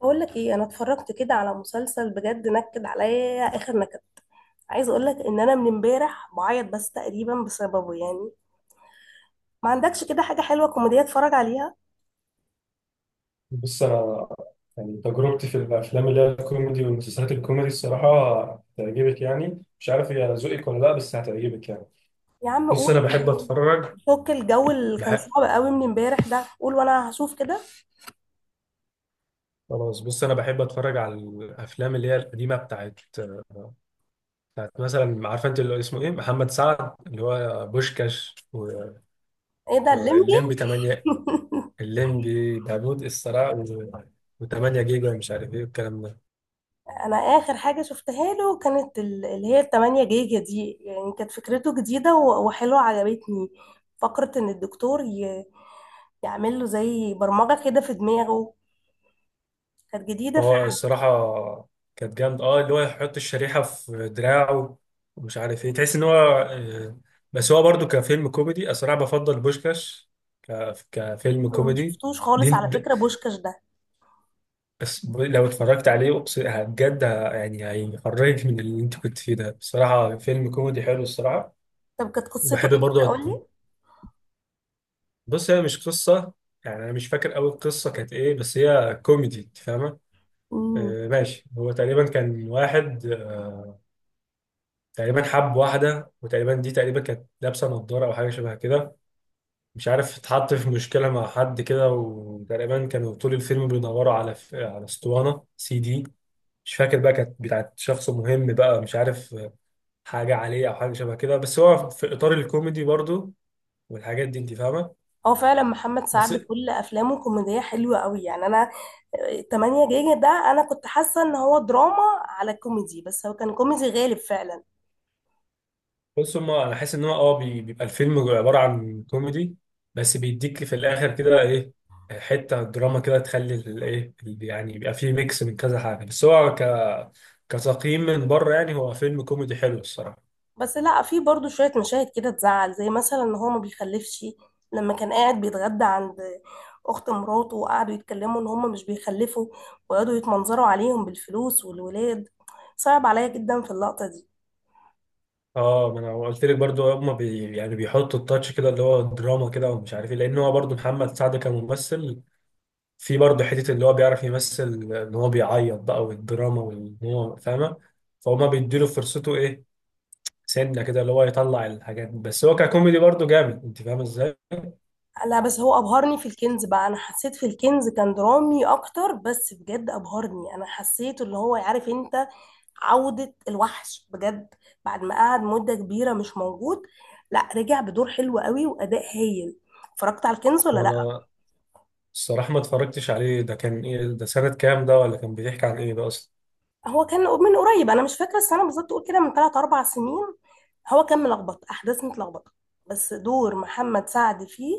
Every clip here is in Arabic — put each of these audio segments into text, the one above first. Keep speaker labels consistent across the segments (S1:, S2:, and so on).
S1: بقول لك ايه، انا اتفرجت كده على مسلسل بجد نكد عليا اخر نكد. عايز اقول لك ان انا من امبارح بعيط بس تقريبا بسببه يعني. ما عندكش كده حاجه حلوه كوميديه اتفرج عليها؟
S2: بص انا، تجربتي في الافلام اللي هي الكوميدي والمسلسلات الكوميدي الصراحه هتعجبك، مش عارف هي ذوقك ولا لا، بس هتعجبك يعني.
S1: يا عم
S2: بص
S1: قول.
S2: انا بحب اتفرج.
S1: فك الجو اللي كان
S2: بحب.
S1: صعب قوي من امبارح ده، قول وانا هشوف كده.
S2: خلاص، بص انا بحب اتفرج على الافلام اللي هي القديمه بتاعت، مثلا عارفه انت اللي اسمه ايه، محمد سعد، اللي هو بوشكاش
S1: ايه ده الليمبي؟
S2: والليمبي 8، الليمبي داوود الصراع، و8 جيجا ومش عارف ايه والكلام ده.
S1: انا اخر حاجه شفتها له كانت اللي هي التمانية جيجا دي، يعني كانت فكرته جديده وحلوه عجبتني. فكره ان الدكتور يعمل له زي برمجه كده في دماغه. كانت جديده.
S2: هو الصراحة كانت جامدة، اه، اللي هو يحط الشريحة في دراعه ومش عارف ايه، تحس ان هو بس هو برضو كفيلم كوميدي الصراحة بفضل بوشكاش كفيلم
S1: انا ما
S2: كوميدي.
S1: شفتوش
S2: دي
S1: خالص على
S2: انت-
S1: فكره بوشكاش ده.
S2: بس لو اتفرجت عليه بجد ه- يعني هيخرجك من اللي انت كنت فيه ده، بصراحة فيلم كوميدي حلو الصراحة.
S1: طب كانت قصته
S2: وبحب
S1: ايه كده؟
S2: برضو أت-
S1: قول لي.
S2: بص هي مش قصة، يعني انا مش فاكر قوي القصة كانت ايه، بس هي كوميدي، انت فاهمة.
S1: امم.
S2: آه ماشي. هو تقريبا كان واحد، تقريبا حب واحدة، وتقريبا دي تقريبا كانت لابسة نضارة أو حاجة شبه كده، مش عارف، اتحط في مشكلة مع حد كده، وتقريبا كانوا طول الفيلم بيدوروا على على اسطوانة سي دي. مش فاكر بقى كانت بتاعت شخص مهم بقى، مش عارف، حاجة عليه أو حاجة شبه كده، بس هو في إطار الكوميدي برضو والحاجات دي، أنت فاهمة.
S1: هو فعلا محمد
S2: بس.
S1: سعد كل افلامه كوميديه حلوه قوي يعني. انا 8 جيجا ده انا كنت حاسه ان هو دراما على كوميدي، بس هو كان كوميدي غالب فعلا.
S2: بص هما أنا حاسس إن هو أه بيبقى الفيلم عبارة عن كوميدي، بس بيديك في الآخر كده إيه، حته دراما كده تخلي الايه، يعني يبقى فيه ميكس من كذا حاجه، بس هو كتقييم من بره يعني هو فيلم كوميدي حلو الصراحه.
S1: بس لا، في برضو شويه مشاهد كده تزعل، زي مثلا ان هو ما بيخلفش. لما كان قاعد بيتغدى عند اخت مراته وقعدوا يتكلموا ان هم مش بيخلفوا، وقعدوا يتمنظروا عليهم بالفلوس والولاد. صعب عليا جدا في اللقطه دي.
S2: اه ما انا قلت لك برضو، هما بي يعني بيحطوا التاتش كده اللي هو دراما كده ومش عارف ايه، لان هو برضو محمد سعد كممثل في برضو حته اللي هو بيعرف يمثل، ان هو بيعيط بقى والدراما وان هو فاهمه، فهما بيديله فرصته ايه، سنه كده اللي هو يطلع الحاجات دي. بس هو ككوميدي برضو جامد، انت فاهم ازاي.
S1: لا بس هو ابهرني في الكنز بقى، انا حسيت في الكنز كان درامي اكتر، بس بجد ابهرني. انا حسيت اللي هو عارف انت، عودة الوحش بجد، بعد ما قعد مدة كبيرة مش موجود. لا رجع بدور حلو قوي واداء هايل. اتفرجت على الكنز ولا
S2: هو
S1: لا؟
S2: انا الصراحه ما اتفرجتش عليه، ده كان ايه؟ ده سنه كام ده؟ ولا كان بيحكي عن ايه ده اصلا؟
S1: هو كان من قريب، انا مش فاكرة السنة بالظبط، قول كده من 3 4 سنين. هو كان ملخبط، احداث متلخبطة، بس دور محمد سعد فيه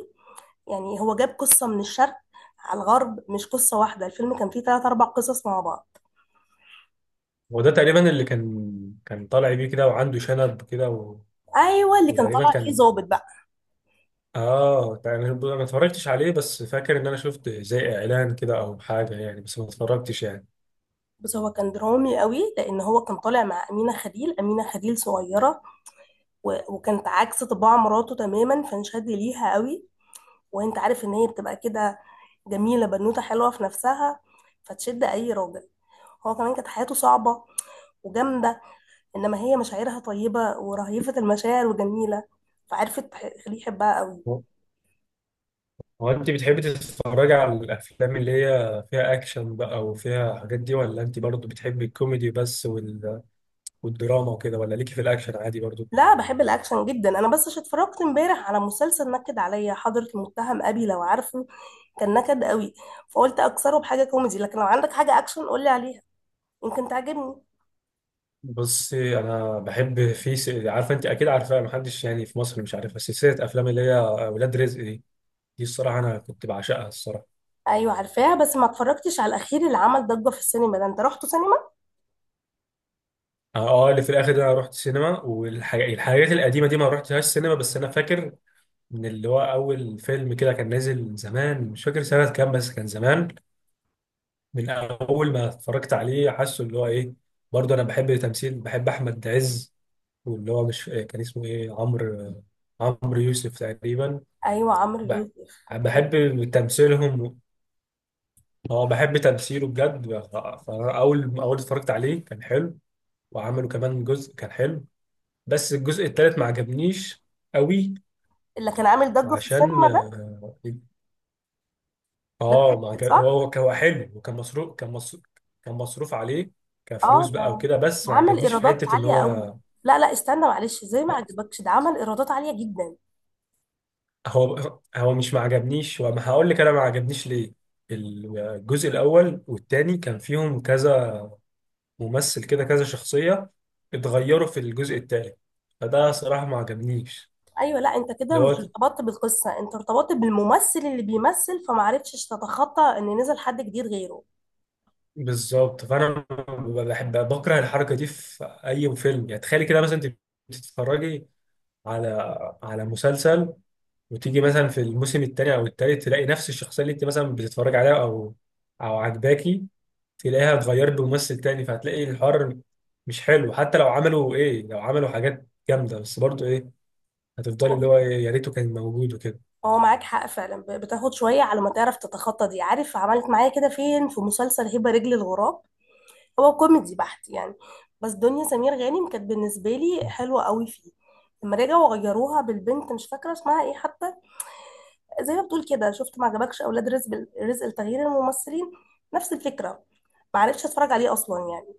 S1: يعني هو جاب قصة من الشرق على الغرب. مش قصة واحدة، الفيلم كان فيه ثلاث أربع قصص مع بعض.
S2: هو ده تقريبا اللي كان طالع بيه كده، وعنده شنب كده
S1: ايوه، اللي كان
S2: وتقريبا
S1: طالع فيه
S2: كان،
S1: ظابط بقى.
S2: اه، يعني انا ما اتفرجتش عليه، بس فاكر ان انا شفت زي اعلان كده او حاجه، يعني بس ما اتفرجتش يعني.
S1: بس هو كان درامي قوي، لان هو كان طالع مع امينه خليل. امينه خليل صغيره وكانت عكس طباع مراته تماما، فانشد ليها قوي. وانت عارف ان هي بتبقى كده جميله، بنوته حلوه في نفسها، فتشد اي راجل. هو كمان كانت حياته صعبه وجامده، انما هي مشاعرها طيبه، ورهيفه المشاعر وجميله، فعرفت تخليه يحبها قوي.
S2: هو هو انت بتحبي تتفرجي على الافلام اللي هي فيها اكشن بقى وفيها حاجات دي، ولا انت برضو بتحبي الكوميدي بس والدراما وكده، ولا ليكي في الاكشن عادي برضو؟
S1: لا بحب الاكشن جدا انا، بس عشان اتفرجت امبارح على مسلسل نكد عليا، حضرة المتهم ابي لو عارفه. كان نكد قوي. فقلت اكسره بحاجه كوميدي، لكن لو عندك حاجه اكشن قولي عليها، يمكن تعجبني.
S2: بصي، انا بحب في عارفه انت اكيد عارفاها، محدش يعني في مصر مش عارفها، سلسله افلام اللي هي ولاد رزق دي. دي الصراحه انا كنت بعشقها الصراحه.
S1: ايوه عارفاها، بس ما اتفرجتش على الاخير اللي عمل ضجه في السينما ده. انت رحتوا سينما؟
S2: اه اللي في الاخر ده انا رحت سينما، والحاجات القديمه دي ما رحتهاش سينما، بس انا فاكر من اللي هو اول فيلم كده كان نازل من زمان، مش فاكر سنه كام بس كان زمان. من اول ما اتفرجت عليه حاسه اللي هو ايه، برضه انا بحب تمثيل، بحب احمد عز واللي هو مش كان اسمه ايه، عمرو، عمرو يوسف تقريبا.
S1: ايوه، عمرو
S2: بح-
S1: يوسف. ايوه،
S2: بحب تمثيلهم. اه بحب تمثيله بجد. فاول ما اتفرجت عليه كان حلو، وعملوا كمان جزء كان حلو، بس الجزء الثالث ما عجبنيش قوي.
S1: اللي كان عامل ضجه في
S2: عشان
S1: السينما ده.
S2: اه،
S1: ده
S2: ما
S1: التيكت
S2: عجب... هو
S1: صح.
S2: هو كان هو حلو، وكان مصروف، كان مصروف، كان مصروف عليه
S1: اه،
S2: كفلوس بقى
S1: ده
S2: وكده، بس ما
S1: عمل
S2: عجبنيش في
S1: ايرادات
S2: حتة ان
S1: عاليه قوي.
S2: هو
S1: لا لا، استنى معلش، زي ما
S2: آه،
S1: عجبكش ده عمل ايرادات عاليه جدا.
S2: هو مش ما عجبنيش، وما هقول لك انا ما عجبنيش ليه. الجزء الاول والتاني كان فيهم كذا ممثل كده، كذا شخصية، اتغيروا في الجزء التالت، فده صراحة ما عجبنيش.
S1: ايوه، لا انت كده
S2: اللي
S1: مش
S2: هو
S1: ارتبطت بالقصه، انت ارتبطت بالممثل اللي بيمثل، فما عرفتش تتخطى ان نزل حد جديد غيره.
S2: بالظبط، فانا ببقى بحب بكره الحركه دي في اي فيلم. يعني تخيلي كده مثلا، انت بتتفرجي على على مسلسل، وتيجي مثلا في الموسم الثاني او الثالث تلاقي نفس الشخصيه اللي انت مثلا بتتفرجي عليها او عجباكي، تلاقيها اتغيرت بممثل تاني، فهتلاقي الحوار مش حلو. حتى لو عملوا ايه، لو عملوا حاجات جامده بس برضو ايه، هتفضلي
S1: هو
S2: اللي هو يا ريته كان موجود وكده.
S1: هو معاك حق فعلا. بتاخد شويه على ما تعرف تتخطى دي. عارف عملت معايا كده فين؟ في مسلسل هبه رجل الغراب. هو كوميدي بحت يعني، بس دنيا سمير غانم كانت بالنسبه لي حلوه قوي فيه. لما رجعوا غيروها بالبنت مش فاكره اسمها ايه حتى، زي ما بتقول كده، شفت ما عجبكش اولاد رزق لتغيير الممثلين، نفس الفكره، ما عرفتش اتفرج عليه اصلا يعني.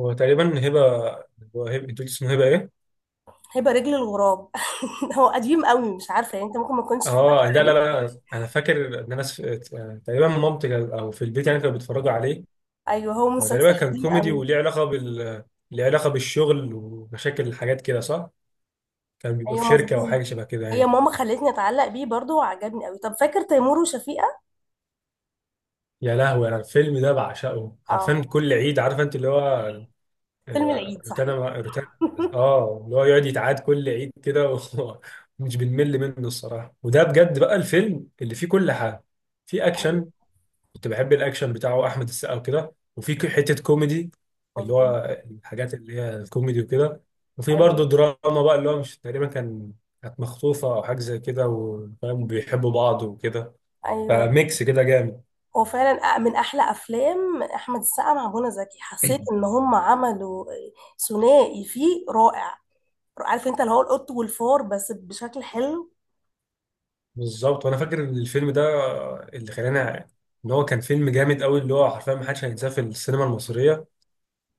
S2: هو تقريبا هبه. هبه انت قلت اسمه هبه ايه؟
S1: هيبقى رجل الغراب. هو قديم قوي، مش عارفه، يعني انت ممكن ما كنتش اتفرجت
S2: اه ده، لا
S1: عليه.
S2: لا لا، انا فاكر ان تقريبا او في البيت يعني كانوا بيتفرجوا عليه.
S1: ايوه، هو
S2: هو تقريبا
S1: مسلسل
S2: كان
S1: قديم
S2: كوميدي،
S1: قوي.
S2: وليه علاقه بال، ليه علاقه بالشغل ومشاكل، الحاجات كده صح؟ كان بيبقى في
S1: ايوه
S2: شركه او حاجه
S1: مظبوط.
S2: شبه كده
S1: هي
S2: يعني.
S1: ماما خلتني اتعلق بيه برضو وعجبني قوي. طب فاكر تيمور وشفيقه؟
S2: يا لهوي انا الفيلم ده بعشقه حرفيا
S1: اه،
S2: كل عيد، عارف انت اللي هو،
S1: فيلم العيد
S2: روتانا
S1: صحيح.
S2: روتانا اه اللي هو يقعد يتعاد كل عيد كده ومش بنمل منه الصراحه. وده بجد بقى الفيلم اللي فيه كل حاجه. في
S1: ايوه
S2: اكشن، كنت بحب الاكشن بتاعه احمد السقا وكده، وفي حته كوميدي اللي
S1: مظبوط.
S2: هو الحاجات اللي هي الكوميدي وكده، وفي
S1: ايوه،
S2: برضه دراما بقى اللي هو مش، تقريبا كان، كانت مخطوفه او حاجه زي كده، وفاهم بيحبوا بعض وكده،
S1: ايوه
S2: فميكس كده جامد.
S1: هو فعلا من احلى افلام احمد السقا مع منى زكي. حسيت ان هم عملوا ثنائي فيه رائع. عارف انت اللي هو القط والفار، بس بشكل حلو.
S2: بالظبط. وانا فاكر ان الفيلم ده اللي خلاني ان هو كان فيلم جامد قوي، اللي هو حرفيا ما حدش هينساه في السينما المصريه.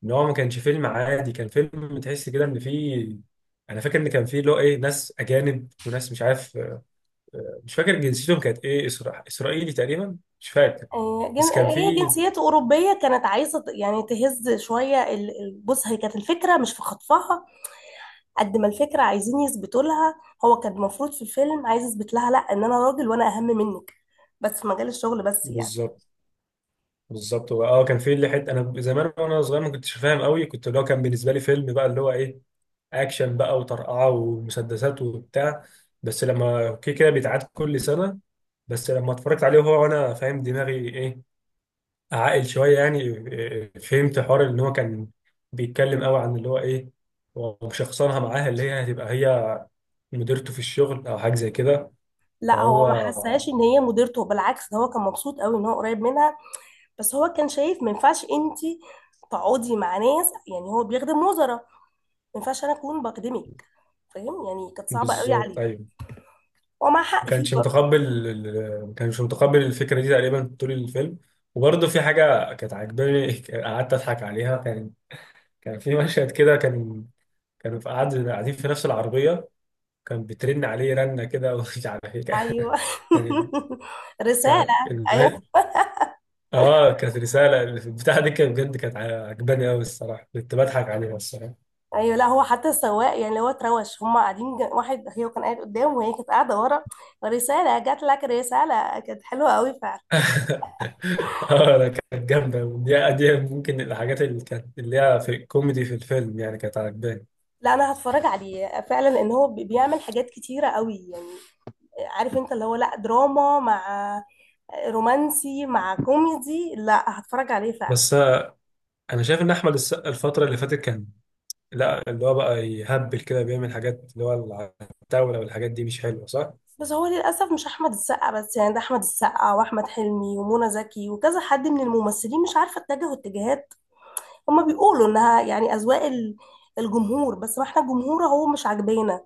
S2: ان هو ما كانش فيلم عادي، كان فيلم تحس كده ان فيه، انا فاكر ان كان فيه اللي هو ايه، ناس اجانب وناس مش عارف، مش فاكر جنسيتهم كانت ايه، اسرائيلي تقريبا مش فاكر. بس كان
S1: هي
S2: في،
S1: جنسيته أوروبية، كانت عايزة يعني تهز شوية بص هي كانت الفكرة مش في خطفها. قد ما الفكرة عايزين يثبتوا لها، هو كان المفروض في الفيلم عايز يثبت لها لا، إن أنا راجل وأنا أهم منك، بس في مجال الشغل بس يعني.
S2: بالظبط بالظبط. هو اه كان في اللي حته انا زمان وانا صغير ما كنتش فاهم قوي، كنت اللي هو كان بالنسبه لي فيلم بقى اللي هو ايه، اكشن بقى وطرقعه ومسدسات وبتاع، بس لما اوكي كده بيتعاد كل سنه. بس لما اتفرجت عليه وهو وانا فاهم دماغي ايه، عاقل شويه يعني إيه، إيه، فهمت حوار ان هو كان بيتكلم قوي عن اللي هو ايه، ومشخصنها معاها اللي هي هتبقى هي مديرته في الشغل او حاجه زي كده.
S1: لا هو
S2: فهو،
S1: ما حسهاش إن هي مديرته، بالعكس ده هو كان مبسوط قوي إن هو قريب منها. بس هو كان شايف ما ينفعش أنت تقعدي مع ناس، يعني هو بيخدم وزراء، ما ينفعش أنا أكون بخدمك، فاهم يعني؟ كانت صعبة قوي
S2: بالظبط
S1: عليه،
S2: ايوه،
S1: ومع
S2: ما
S1: حق فيه.
S2: كانش متقبل، ما كانش متقبل الفكره دي تقريبا طول الفيلم. وبرضه في حاجه كانت عاجباني قعدت اضحك عليها، كان كان في مشهد كده، كان كانوا في قاعدين في نفس العربيه، كان بترن عليه رنه كده ومش عارف ايه كان،
S1: ايوه.
S2: كان، كان-
S1: رساله. ايوه،
S2: الم- اه كانت رساله البتاعه دي، كانت بجد كانت عاجباني قوي الصراحه، كنت بضحك عليها الصراحه.
S1: ايوه لا، هو حتى السواق يعني اللي هو اتروش هم قاعدين واحد هي كان قاعد قدام وهي كانت قاعده ورا. رساله جات لك، رساله كانت حلوه قوي فعلا.
S2: اه لا كانت جامدة. ودي دي ممكن الحاجات اللي كانت اللي هي في الكوميدي في الفيلم يعني كانت عجباني.
S1: لا انا هتفرج عليه فعلا، لان هو بيعمل حاجات كتيره قوي يعني. عارف انت اللي هو لا، دراما مع رومانسي مع كوميدي. لا هتفرج عليه فعلا.
S2: بس انا شايف ان احمد السقا الفترة اللي فاتت كان لا اللي هو بقى يهبل كده، بيعمل حاجات اللي هو العتاولة والحاجات دي مش حلوة صح؟
S1: بس هو للاسف مش احمد السقا بس يعني، ده احمد السقا واحمد حلمي ومنى زكي وكذا حد من الممثلين مش عارفه اتجهوا اتجاهات. هما بيقولوا انها يعني اذواق الجمهور، بس ما احنا الجمهور هو مش عاجبانا.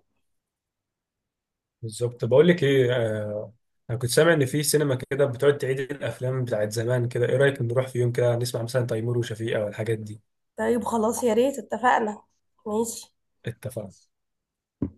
S2: بالظبط. بقول لك ايه، انا كنت سامع ان في سينما كده بتقعد تعيد الافلام بتاعت زمان كده، ايه رأيك نروح في يوم كده نسمع مثلا تيمور وشفيقة والحاجات دي؟
S1: طيب خلاص يا ريت اتفقنا. ماشي.
S2: اتفقنا.